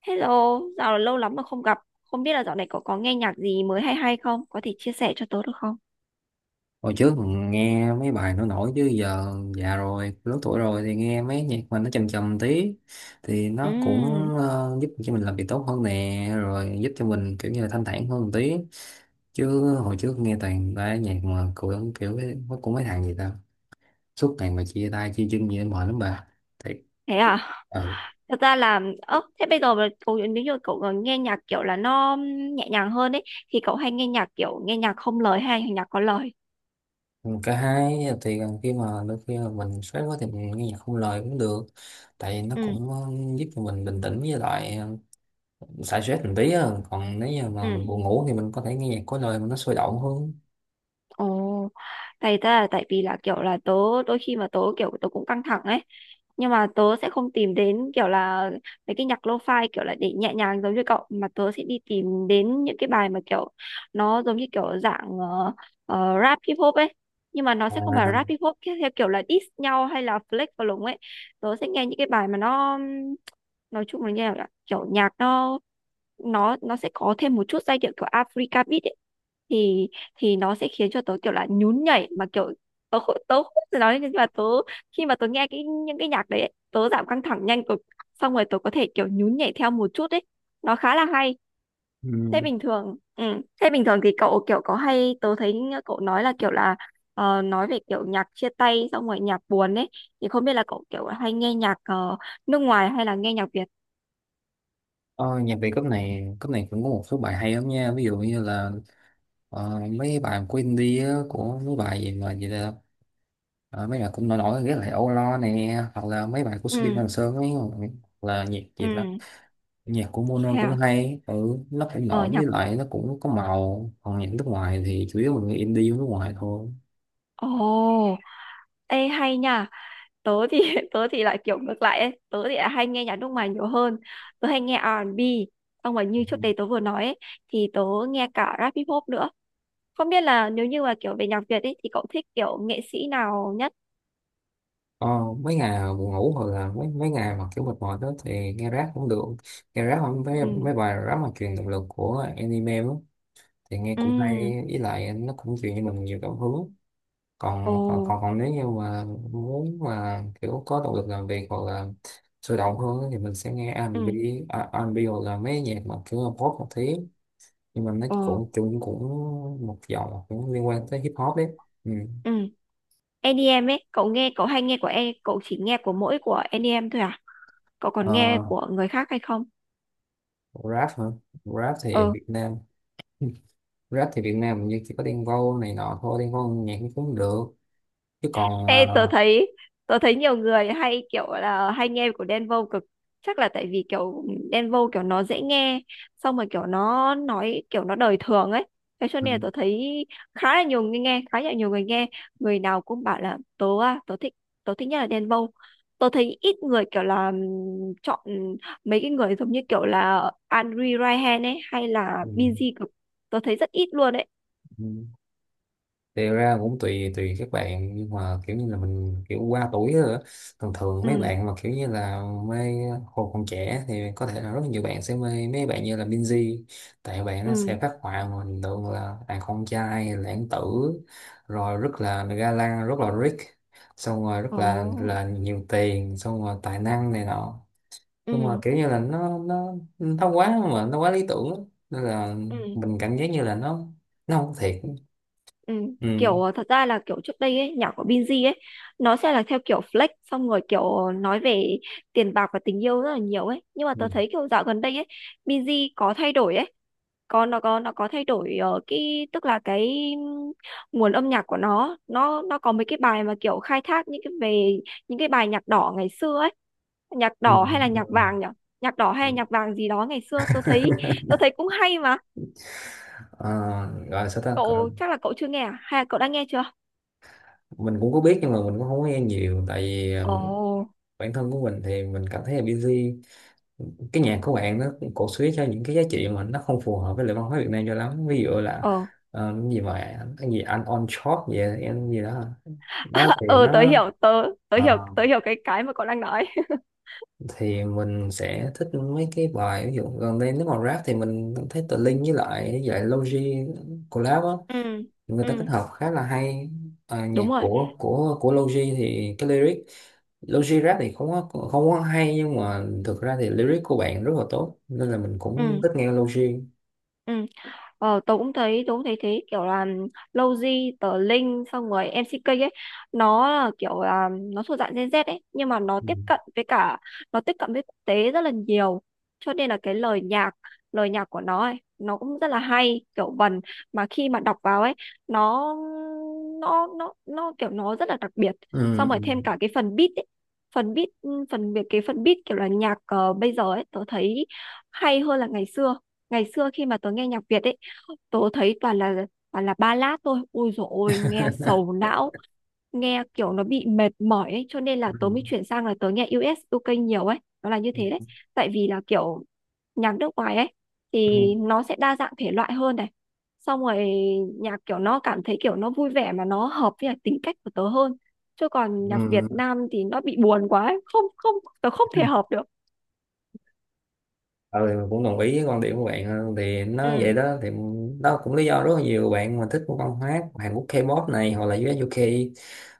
Hello, dạo lâu lắm mà không gặp. Không biết là dạo này cậu có nghe nhạc gì mới hay hay không? Có thể chia sẻ cho tớ được không? Hồi trước mình nghe mấy bài nó nổi chứ giờ già rồi, lớn tuổi rồi thì nghe mấy nhạc mà nó trầm trầm tí thì nó cũng Ừm. Giúp cho mình làm việc tốt hơn nè, rồi giúp cho mình kiểu như là thanh thản hơn một tí. Chứ hồi trước nghe toàn ba nhạc mà kiểu kiểu cái- nó cũng mấy thằng gì ta, suốt ngày mà chia tay chia chân gì đó mệt lắm bà. Thiệt. Thế à? Ừ. Thật ra là, ơ, thế bây giờ mà cậu, nếu như cậu còn nghe nhạc kiểu là nó nhẹ nhàng hơn ấy, thì cậu hay nghe nhạc kiểu nghe nhạc không lời hay nhạc có lời? Cả hai, thì khi mà đôi khi mà mình stress quá thì mình nghe nhạc không lời cũng được, tại vì nó Ừ, cũng giúp cho mình bình tĩnh với lại xả stress một tí á, còn nếu như mà mình ừ. buồn ngủ thì mình có thể nghe nhạc có lời mà nó sôi động hơn. Ồ. tại ta là tại vì là kiểu là tớ đôi khi mà tớ cũng căng thẳng ấy, nhưng mà tớ sẽ không tìm đến kiểu là mấy cái nhạc lo-fi kiểu là để nhẹ nhàng giống như cậu, mà tớ sẽ đi tìm đến những cái bài mà kiểu nó giống như kiểu dạng rap hip hop ấy, nhưng mà nó sẽ không phải À, rap hip hop theo theo kiểu là diss nhau hay là flex vào lùng ấy. Tớ sẽ nghe những cái bài mà nó nói chung là như là kiểu nhạc nó sẽ có thêm một chút giai điệu kiểu Africa beat ấy, thì thì nó sẽ khiến cho tớ kiểu là nhún nhảy, mà kiểu tớ không thể nói, nhưng mà tớ khi mà tớ nghe cái những cái nhạc đấy ấy, tớ giảm căng thẳng nhanh cực, xong rồi tớ có thể kiểu nhún nhảy theo một chút ấy, nó khá là hay. Thế ừ. bình thường, ừ. Thế bình thường thì cậu kiểu có hay, tớ thấy cậu nói là kiểu là nói về kiểu nhạc chia tay xong rồi nhạc buồn ấy, thì không biết là cậu kiểu hay nghe nhạc nước ngoài hay là nghe nhạc Việt? Ờ, Nhạc Việt cấp này cũng có một số bài hay lắm nha, ví dụ như là mấy bài của indie á, của mấy bài gì mà gì là mấy bài cũng nổi nổi rất là Âu Lo nè, hoặc là mấy bài của Subin Ừ, Hoàng Sơn ấy, hoặc là nhạc ừ. gì đó. Nhạc của Thế Mono cũng à? hay, ừ, nó cũng Ờ nổi với nhạc lại nó cũng có màu. Còn nhạc nước ngoài thì chủ yếu mình nghe indie của nước ngoài thôi. ồ Ê, hay nha. Tớ thì tớ thì lại kiểu ngược lại ấy. Tớ thì lại hay nghe nhạc nước ngoài nhiều hơn. Tớ hay nghe R&B, xong rồi như trước đây tớ vừa nói ấy, thì tớ nghe cả rap hip hop nữa. Không biết là nếu như mà kiểu về nhạc Việt ấy thì cậu thích kiểu nghệ sĩ nào nhất? Ờ, mấy ngày buồn ngủ hoặc là mấy mấy ngày mà kiểu mệt mỏi đó thì nghe rap cũng được, nghe rap không, mấy Ừ, mấy bài rap mà truyền động lực của anime đó, thì nghe cũng ừ, hay, với lại nó cũng truyền cho mình nhiều cảm hứng. ồ, Còn nếu như mà muốn mà kiểu có động lực làm việc hoặc là sôi động hơn á, thì mình sẽ nghe ừ, R&B. À, R&B hoặc là mấy nhạc mà kiểu là pop một tí, nhưng mà nó ồ, cũng chung cũng một dòng cũng liên quan tới hip hop đấy. Ừ. ừ. EDM ấy, cậu nghe, cậu hay nghe của e, cậu chỉ nghe của mỗi của EDM thôi à, cậu còn nghe Ờ, của người khác hay không? rap hả? Rap thì ở Việt Nam rap thì Việt Nam hình như chỉ có Đen Vâu này nọ thôi. Đen Vâu nhạc cũng cũng được, chứ còn Ê, tớ thấy tớ thấy nhiều người hay kiểu là hay nghe của Đen Vâu cực, chắc là tại vì kiểu Đen Vâu kiểu nó dễ nghe, xong rồi kiểu nó nói kiểu nó đời thường ấy, thế cho ừ, nên là tớ thấy khá là nhiều người nghe, người nào cũng bảo là tớ thích, tớ thích nhất là Đen Vâu. Tớ thấy ít người kiểu là chọn mấy cái người giống như kiểu là Andre Ryan ấy hay là ừ, Binz cực, tớ thấy rất ít luôn ấy. ừ. Thì ra cũng tùy tùy các bạn, nhưng mà kiểu như là mình kiểu qua tuổi rồi á. Thường thường mấy Ừ, bạn mà kiểu như là mê, hồi còn trẻ thì có thể là rất nhiều bạn sẽ mê mấy bạn như là Binz, tại bạn nó ừ, sẽ phát họa mà hình tượng là đàn con trai lãng tử, rồi rất là ga lăng, rất là rich, xong rồi rất là ồ, nhiều tiền, xong rồi tài năng này nọ, nhưng mà ừ, kiểu như là nó quá, mà nó quá lý tưởng á. Nên là ừ. mình cảm giác như là nó không có thiệt. Ừ, Ừ. kiểu thật ra là kiểu trước đây ấy, nhạc của Binz ấy nó sẽ là theo kiểu flex, xong rồi kiểu nói về tiền bạc và tình yêu rất là nhiều ấy, nhưng mà Ừ. tớ thấy kiểu dạo gần đây ấy Binz có thay đổi ấy, có nó có nó có thay đổi ở cái, tức là cái ừm, nguồn âm nhạc của nó có mấy cái bài mà kiểu khai thác những cái về những cái bài nhạc đỏ ngày xưa ấy. Nhạc Ừ. đỏ hay là nhạc Ừ. vàng nhỉ? Nhạc đỏ hay Ừ. là nhạc vàng gì đó ngày xưa, tôi thấy cũng hay mà. Ờ, gọi là sao ta? Gọi- là Cậu chắc là cậu chưa nghe à, hay là cậu đã nghe chưa? mình cũng có biết nhưng mà mình cũng không có nghe nhiều, tại vì Ồ, bản thân của mình thì mình cảm thấy là busy, cái nhạc của bạn nó cũng cổ suý cho những cái giá trị mà nó không phù hợp với lại văn hóa Việt Nam cho lắm, ví dụ là ờ, cái gì mà cái gì anh on short vậy em gì đó. Đó thì ờ, nó tớ hiểu, tớ tớ ờ, hiểu, tớ hiểu cái mà cậu đang nói. thì mình sẽ thích mấy cái bài, ví dụ gần đây nếu mà rap thì mình thấy Tờ Linh với lại dạy lại Logi collab á, Ừ, người ta kết ừ, hợp khá là hay. À, đúng nhạc rồi, của Logi thì cái lyric Logi rap thì không có, không có hay, nhưng mà thực ra thì lyric của bạn rất là tốt, nên là mình cũng ừ, thích nghe Logi. ừ. Ờ, tớ cũng thấy thế, kiểu là Lowzy, tờ Linh xong rồi MCK ấy, nó là kiểu là nó thuộc dạng Gen Z ấy, nhưng mà nó Ừ. tiếp cận với cả, nó tiếp cận với quốc tế rất là nhiều, cho nên là cái lời nhạc, lời nhạc của nó ấy nó cũng rất là hay, kiểu vần mà khi mà đọc vào ấy, nó nó kiểu nó rất là đặc biệt. Ừ. Xong rồi thêm cả cái phần beat ấy, phần beat, phần việc cái phần beat kiểu là nhạc bây giờ ấy, tớ thấy hay hơn là ngày xưa. Ngày xưa khi mà tớ nghe nhạc Việt ấy, tớ thấy toàn là ballad thôi, ui dồi ôi nghe sầu não, nghe kiểu nó bị mệt mỏi ấy, cho nên là Ừ. tớ mới chuyển sang là tớ nghe u ét u UK nhiều ấy, nó là như thế đấy. Tại vì là kiểu nhạc nước ngoài ấy thì Ừ. nó sẽ đa dạng thể loại hơn này, xong rồi nhạc kiểu nó cảm thấy kiểu nó vui vẻ mà nó hợp với lại tính cách của tớ hơn. Chứ còn nhạc Việt Ừ. Nam thì nó bị buồn quá ấy. Không, không, tớ không thể hợp được. Ừ, cũng đồng ý với quan điểm của bạn hơn, thì nó vậy Ừ, đó, thì đó cũng lý do rất là nhiều bạn mà thích văn hóa Hàn Quốc K-pop này hoặc là US UK,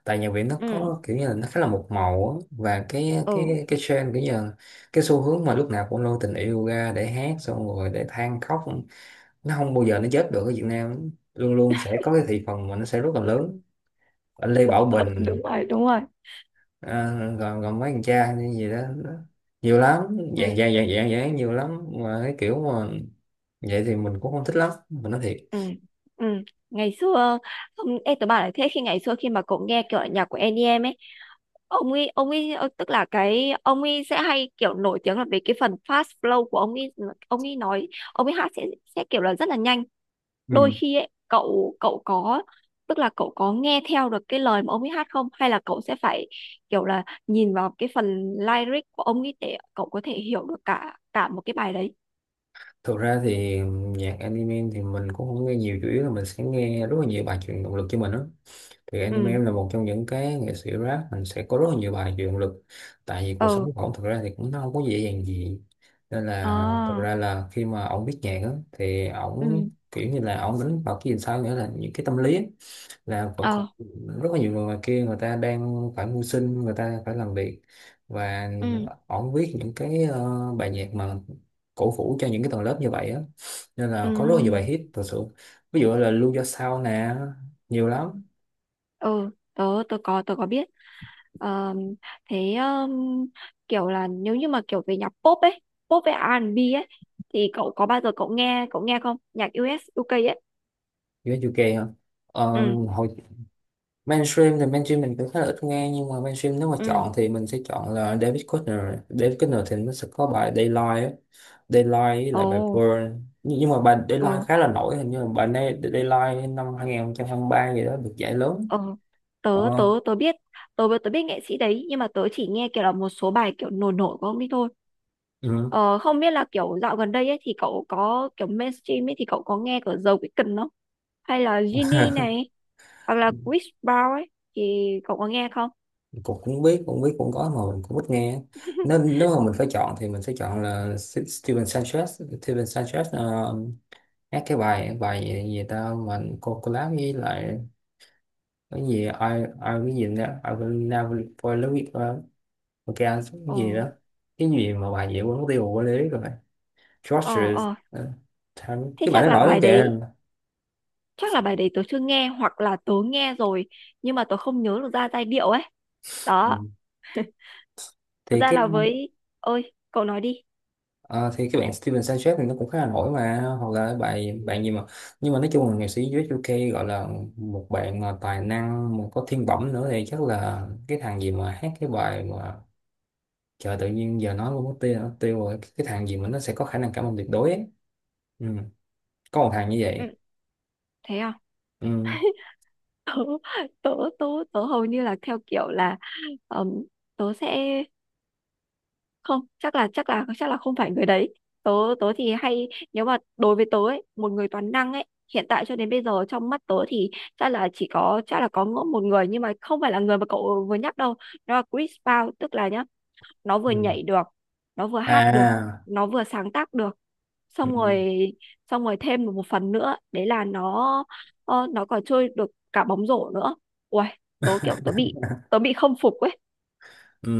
tại nhạc Việt nó ừ, có kiểu như là nó khá là một màu á, và cái ừ, cái cái trend kiểu như là, cái xu hướng mà lúc nào cũng lôi tình yêu ra để hát xong rồi để than khóc, nó không bao giờ nó chết được ở Việt Nam, luôn luôn sẽ có cái thị phần mà nó sẽ rất là lớn. Anh Lê Bảo đúng Bình, rồi, đúng rồi, à, rồi, rồi mấy thằng cha như gì đó, đó, nhiều lắm, ừ, dạng dạng dạng dạng dạng, nhiều lắm mà cái kiểu mà, vậy thì mình cũng không thích lắm, mình nói thiệt. ừ, ừ. Ngày xưa, không, em tớ bảo là thế, khi ngày xưa khi mà cậu nghe kiểu nhạc của EDM ấy, ông ấy tức là cái ông ấy sẽ hay kiểu nổi tiếng là về cái phần fast flow của ông ấy, ông ấy nói ông ấy hát sẽ kiểu là rất là nhanh. Đôi Ừ. khi ấy cậu cậu có, tức là cậu có nghe theo được cái lời mà ông ấy hát không, hay là cậu sẽ phải kiểu là nhìn vào cái phần lyric của ông ấy để cậu có thể hiểu được cả cả một cái bài đấy? Thực ra thì nhạc anime thì mình cũng không nghe nhiều, chủ yếu là mình sẽ nghe rất là nhiều bài truyền động lực cho mình đó. Thì anime Ừ, là một trong những cái nghệ sĩ rap, mình sẽ có rất là nhiều bài về động lực, tại vì cuộc ờ, sống của ổng thực ra thì cũng nó không có dễ dàng gì, nên là thực à, ra là khi mà ổng viết nhạc á, thì ừ, ổng kiểu như là ổng đánh vào cái gì sao, nghĩa là những cái tâm lý á, là vẫn còn ờ, rất là nhiều người ngoài kia người ta đang phải mưu sinh, người ta phải làm việc, và ừ. ổng viết những cái bài nhạc mà cổ vũ cho những cái tầng lớp như vậy á, nên là có rất là nhiều bài Ừ, hit thật sự, ví dụ là Lưu Do Sao nè, nhiều lắm. ừ, tớ tớ có biết. Ờ, thế kiểu là nếu như mà kiểu về nhạc pop ấy, pop với R&B ấy, thì cậu có bao giờ cậu nghe, cậu nghe không? Nhạc US UK ấy. US UK hả? Ờ, Ừ, hồi mainstream thì mainstream mình cũng khá là ít nghe, nhưng mà mainstream nếu mà ừ. chọn thì mình sẽ chọn là David Kushner. David Kushner thì nó sẽ có bài Daylight á. Daylight với lại bài Ồ, Burn, nhưng mà bài Daylight ờ, khá là nổi, hình như là bài này Daylight năm 2023 gì đó được giải lớn. ờ. Tớ tớ ờ, tớ biết, tớ tớ biết nghệ sĩ đấy, nhưng mà tớ chỉ nghe kiểu là một số bài kiểu nổi nổi của ông ấy thôi. ừ. Ờ, không biết là kiểu dạo gần đây ấy thì cậu có kiểu mainstream ấy thì cậu có nghe của The Weeknd không? Hay là Genie này, hoặc là Chris Brown ấy, thì cậu có nghe không? Cũng cũng biết, cũng biết cũng có, mà mình cũng ít nghe, nên nếu mà mình phải chọn thì mình sẽ chọn là Steven Sanchez. Steven Sanchez hát cái bài bài gì, gì ta, mà cô collab với lại cái gì, à? Ai ai cái gì nữa, ai will never fall in love with her, ok anh xuống cái Ồ, gì đó, cái gì mà bà diễn quên mất tiêu của lý rồi. ờ, George, ờ. ờ, Thế cái bạn chắc nó là nổi lắm bài kìa. đấy, chắc là bài đấy tớ chưa nghe, hoặc là tớ nghe rồi nhưng mà tớ không nhớ được ra giai điệu ấy. Đó. Ừ. Thật Thì ra cái là với, ơi, cậu nói đi. ờ, thì cái bạn Steven Sanchez thì nó cũng khá là nổi, mà hoặc là bài bạn gì mà, nhưng mà nói chung là nghệ sĩ US UK gọi là một bạn mà tài năng, một có thiên bẩm nữa thì chắc là cái thằng gì mà hát cái bài mà, trời tự nhiên giờ nói luôn mất tiêu rồi, cái thằng gì mà nó sẽ có khả năng cảm ơn tuyệt đối ấy. Ừ. Có một thằng như Ừ. vậy. Thế à? Ừ. Tớ tớ tớ tớ hầu như là theo kiểu là ừm, tớ sẽ không, chắc là không phải người đấy. Tớ tớ thì hay, nếu mà đối với tớ ấy một người toàn năng ấy, hiện tại cho đến bây giờ trong mắt tớ thì chắc là có ngỗ một người, nhưng mà không phải là người mà cậu vừa nhắc đâu. Nó là Chris Brown, tức là nhá, nó vừa Ừ. nhảy được, nó vừa hát được, À, nó vừa sáng tác được, ừ. xong rồi xong rồi thêm một một phần nữa đấy là nó nó còn chơi được cả bóng rổ nữa. Ui, tớ bị, tớ bị không phục ấy. Ừ.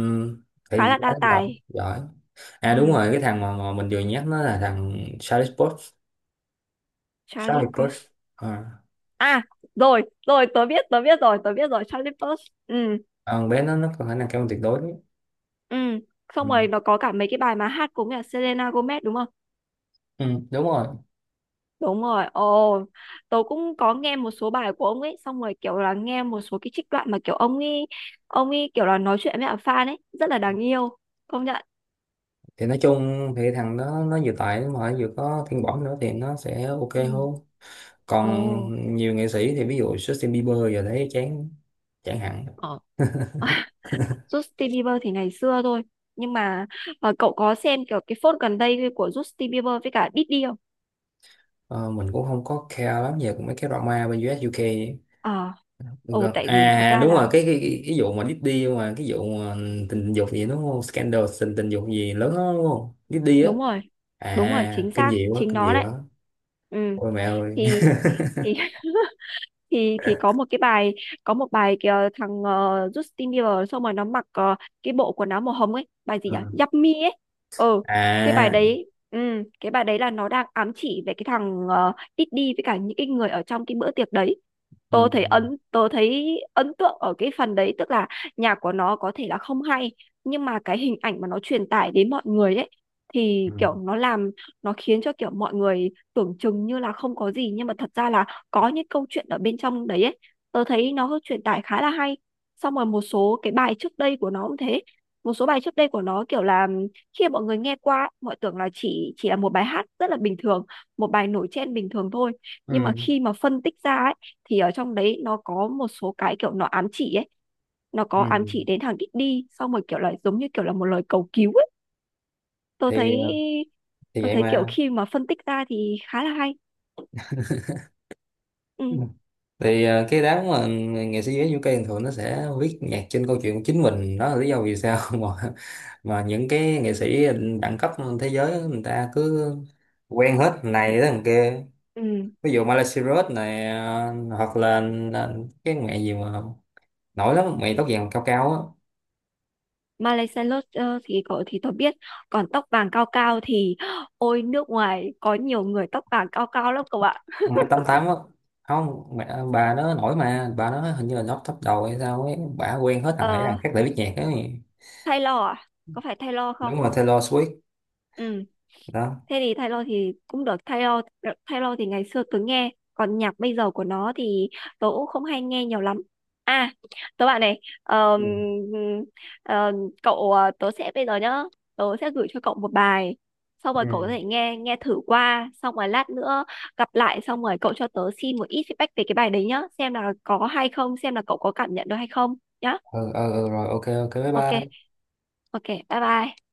Thì Khá là nó đa giỏi, tài. giỏi. À đúng Ừ. rồi, cái thằng mà mình vừa nhắc, nó là thằng Charlie Potts. Charlie Charlie Cox. Potts. À. À, rồi, rồi, tớ biết rồi, Charlie Puth. Ừ, À, con bé nó có khả năng cao hơn tuyệt đối đấy. ừ. Xong Ừ. rồi nó có cả mấy cái bài mà hát cùng là Selena Gomez đúng không? Ừ. Đúng rồi. Đúng rồi, ồ, tớ cũng có nghe một số bài của ông ấy, xong rồi kiểu là nghe một số cái trích đoạn mà kiểu ông ấy kiểu là nói chuyện với cả fan ấy, rất là đáng yêu, công nhận. Thì nói chung thì thằng đó nó vừa tài mà vừa có thiên bẩm nữa thì nó sẽ ok Ừ, hơn. ồ, Còn nhiều nghệ sĩ thì ví dụ Justin Bieber giờ thấy chán, chẳng hạn. ờ. Justin Bieber thì ngày xưa thôi, nhưng mà cậu có xem kiểu cái phốt gần đây của Justin Bieber với cả Diddy không? Ờ, mình cũng không có care lắm về mấy cái drama bên u ét u UK. Ờ, ồ, Vâng. tại vì thật À ra đúng rồi, là cái vụ mà Diddy, mà cái vụ mà tình dục gì, đúng không? Scandal tình tình dục gì lớn đó, đúng không? Diddy á, đúng rồi, đúng rồi, à, chính kinh xác, dị quá, chính kinh nó dị đấy. quá. Ừ, Ôi mẹ ơi. thì thì thì có một cái bài, có một bài kìa, thằng Justin Bieber xong rồi nó mặc cái bộ quần áo màu hồng ấy, bài gì nhỉ, Ừ. Yummy ấy. Ừ, cái bài À. đấy, ừ, cái bài đấy là nó đang ám chỉ về cái thằng Diddy với cả những cái người ở trong cái bữa tiệc đấy. Ừ. Tôi thấy ấn tượng ở cái phần đấy, tức là nhạc của nó có thể là không hay, nhưng mà cái hình ảnh mà nó truyền tải đến mọi người ấy thì Ừ. kiểu nó khiến cho kiểu mọi người tưởng chừng như là không có gì, nhưng mà thật ra là có những câu chuyện ở bên trong đấy ấy, tớ thấy nó truyền tải khá là hay. Xong rồi một số cái bài trước đây của nó cũng thế, một số bài trước đây của nó kiểu là khi mà mọi người nghe qua ấy, mọi tưởng là chỉ là một bài hát rất là bình thường, một bài nổi trên bình thường thôi, nhưng Ừ. mà khi mà phân tích ra ấy thì ở trong đấy nó có một số cái kiểu nó ám chỉ ấy, nó có Ừ. ám chỉ đến thằng Diddy, xong rồi kiểu là giống như kiểu là một lời cầu cứu ấy. tôi thấy Thì thì tôi vậy thấy kiểu mà. khi mà phân tích ra thì khá là hay. Ừ. Ừ. Thì cái đám mà nghệ sĩ giới UK thường thường nó sẽ viết nhạc trên câu chuyện của chính mình. Đó là lý do vì sao mà những cái nghệ sĩ đẳng cấp thế giới người ta cứ quen hết thằng này tới thằng kia. Ừ, Ví dụ Miley Cyrus này, hoặc là cái mẹ gì mà nổi lắm, mẹ tóc vàng cao cao á, Miley Cyrus ờ, thì cậu thì tôi biết, còn tóc vàng cao cao thì ôi nước ngoài có nhiều người tóc vàng cao cao lắm cậu ạ. ông mấy tám tám á, không, mẹ bà nó nổi, mà bà nó hình như là top top đầu hay sao ấy, bà quen hết thằng này Ờ, thằng khác để biết nhạc ấy. Taylor à, có phải Taylor không? Đúng rồi, Taylor Swift. Ừ. Đó. Thế thì Taylor thì cũng được. Taylor Taylor thì ngày xưa tớ nghe, còn nhạc bây giờ của nó thì tớ cũng không hay nghe nhiều lắm. À, tớ bạn này, Ừ. ờm, tớ sẽ bây giờ nhá, tớ sẽ gửi cho cậu một bài, xong rồi Ừ, cậu có thể nghe nghe thử qua, xong rồi lát nữa gặp lại xong rồi cậu cho tớ xin một ít feedback về cái bài đấy nhá, xem là có hay không, xem là cậu có cảm nhận được hay không nhá. ừ, ừ, ừ, rồi, ok, ok, bye Ok, bye. ok, bye bye.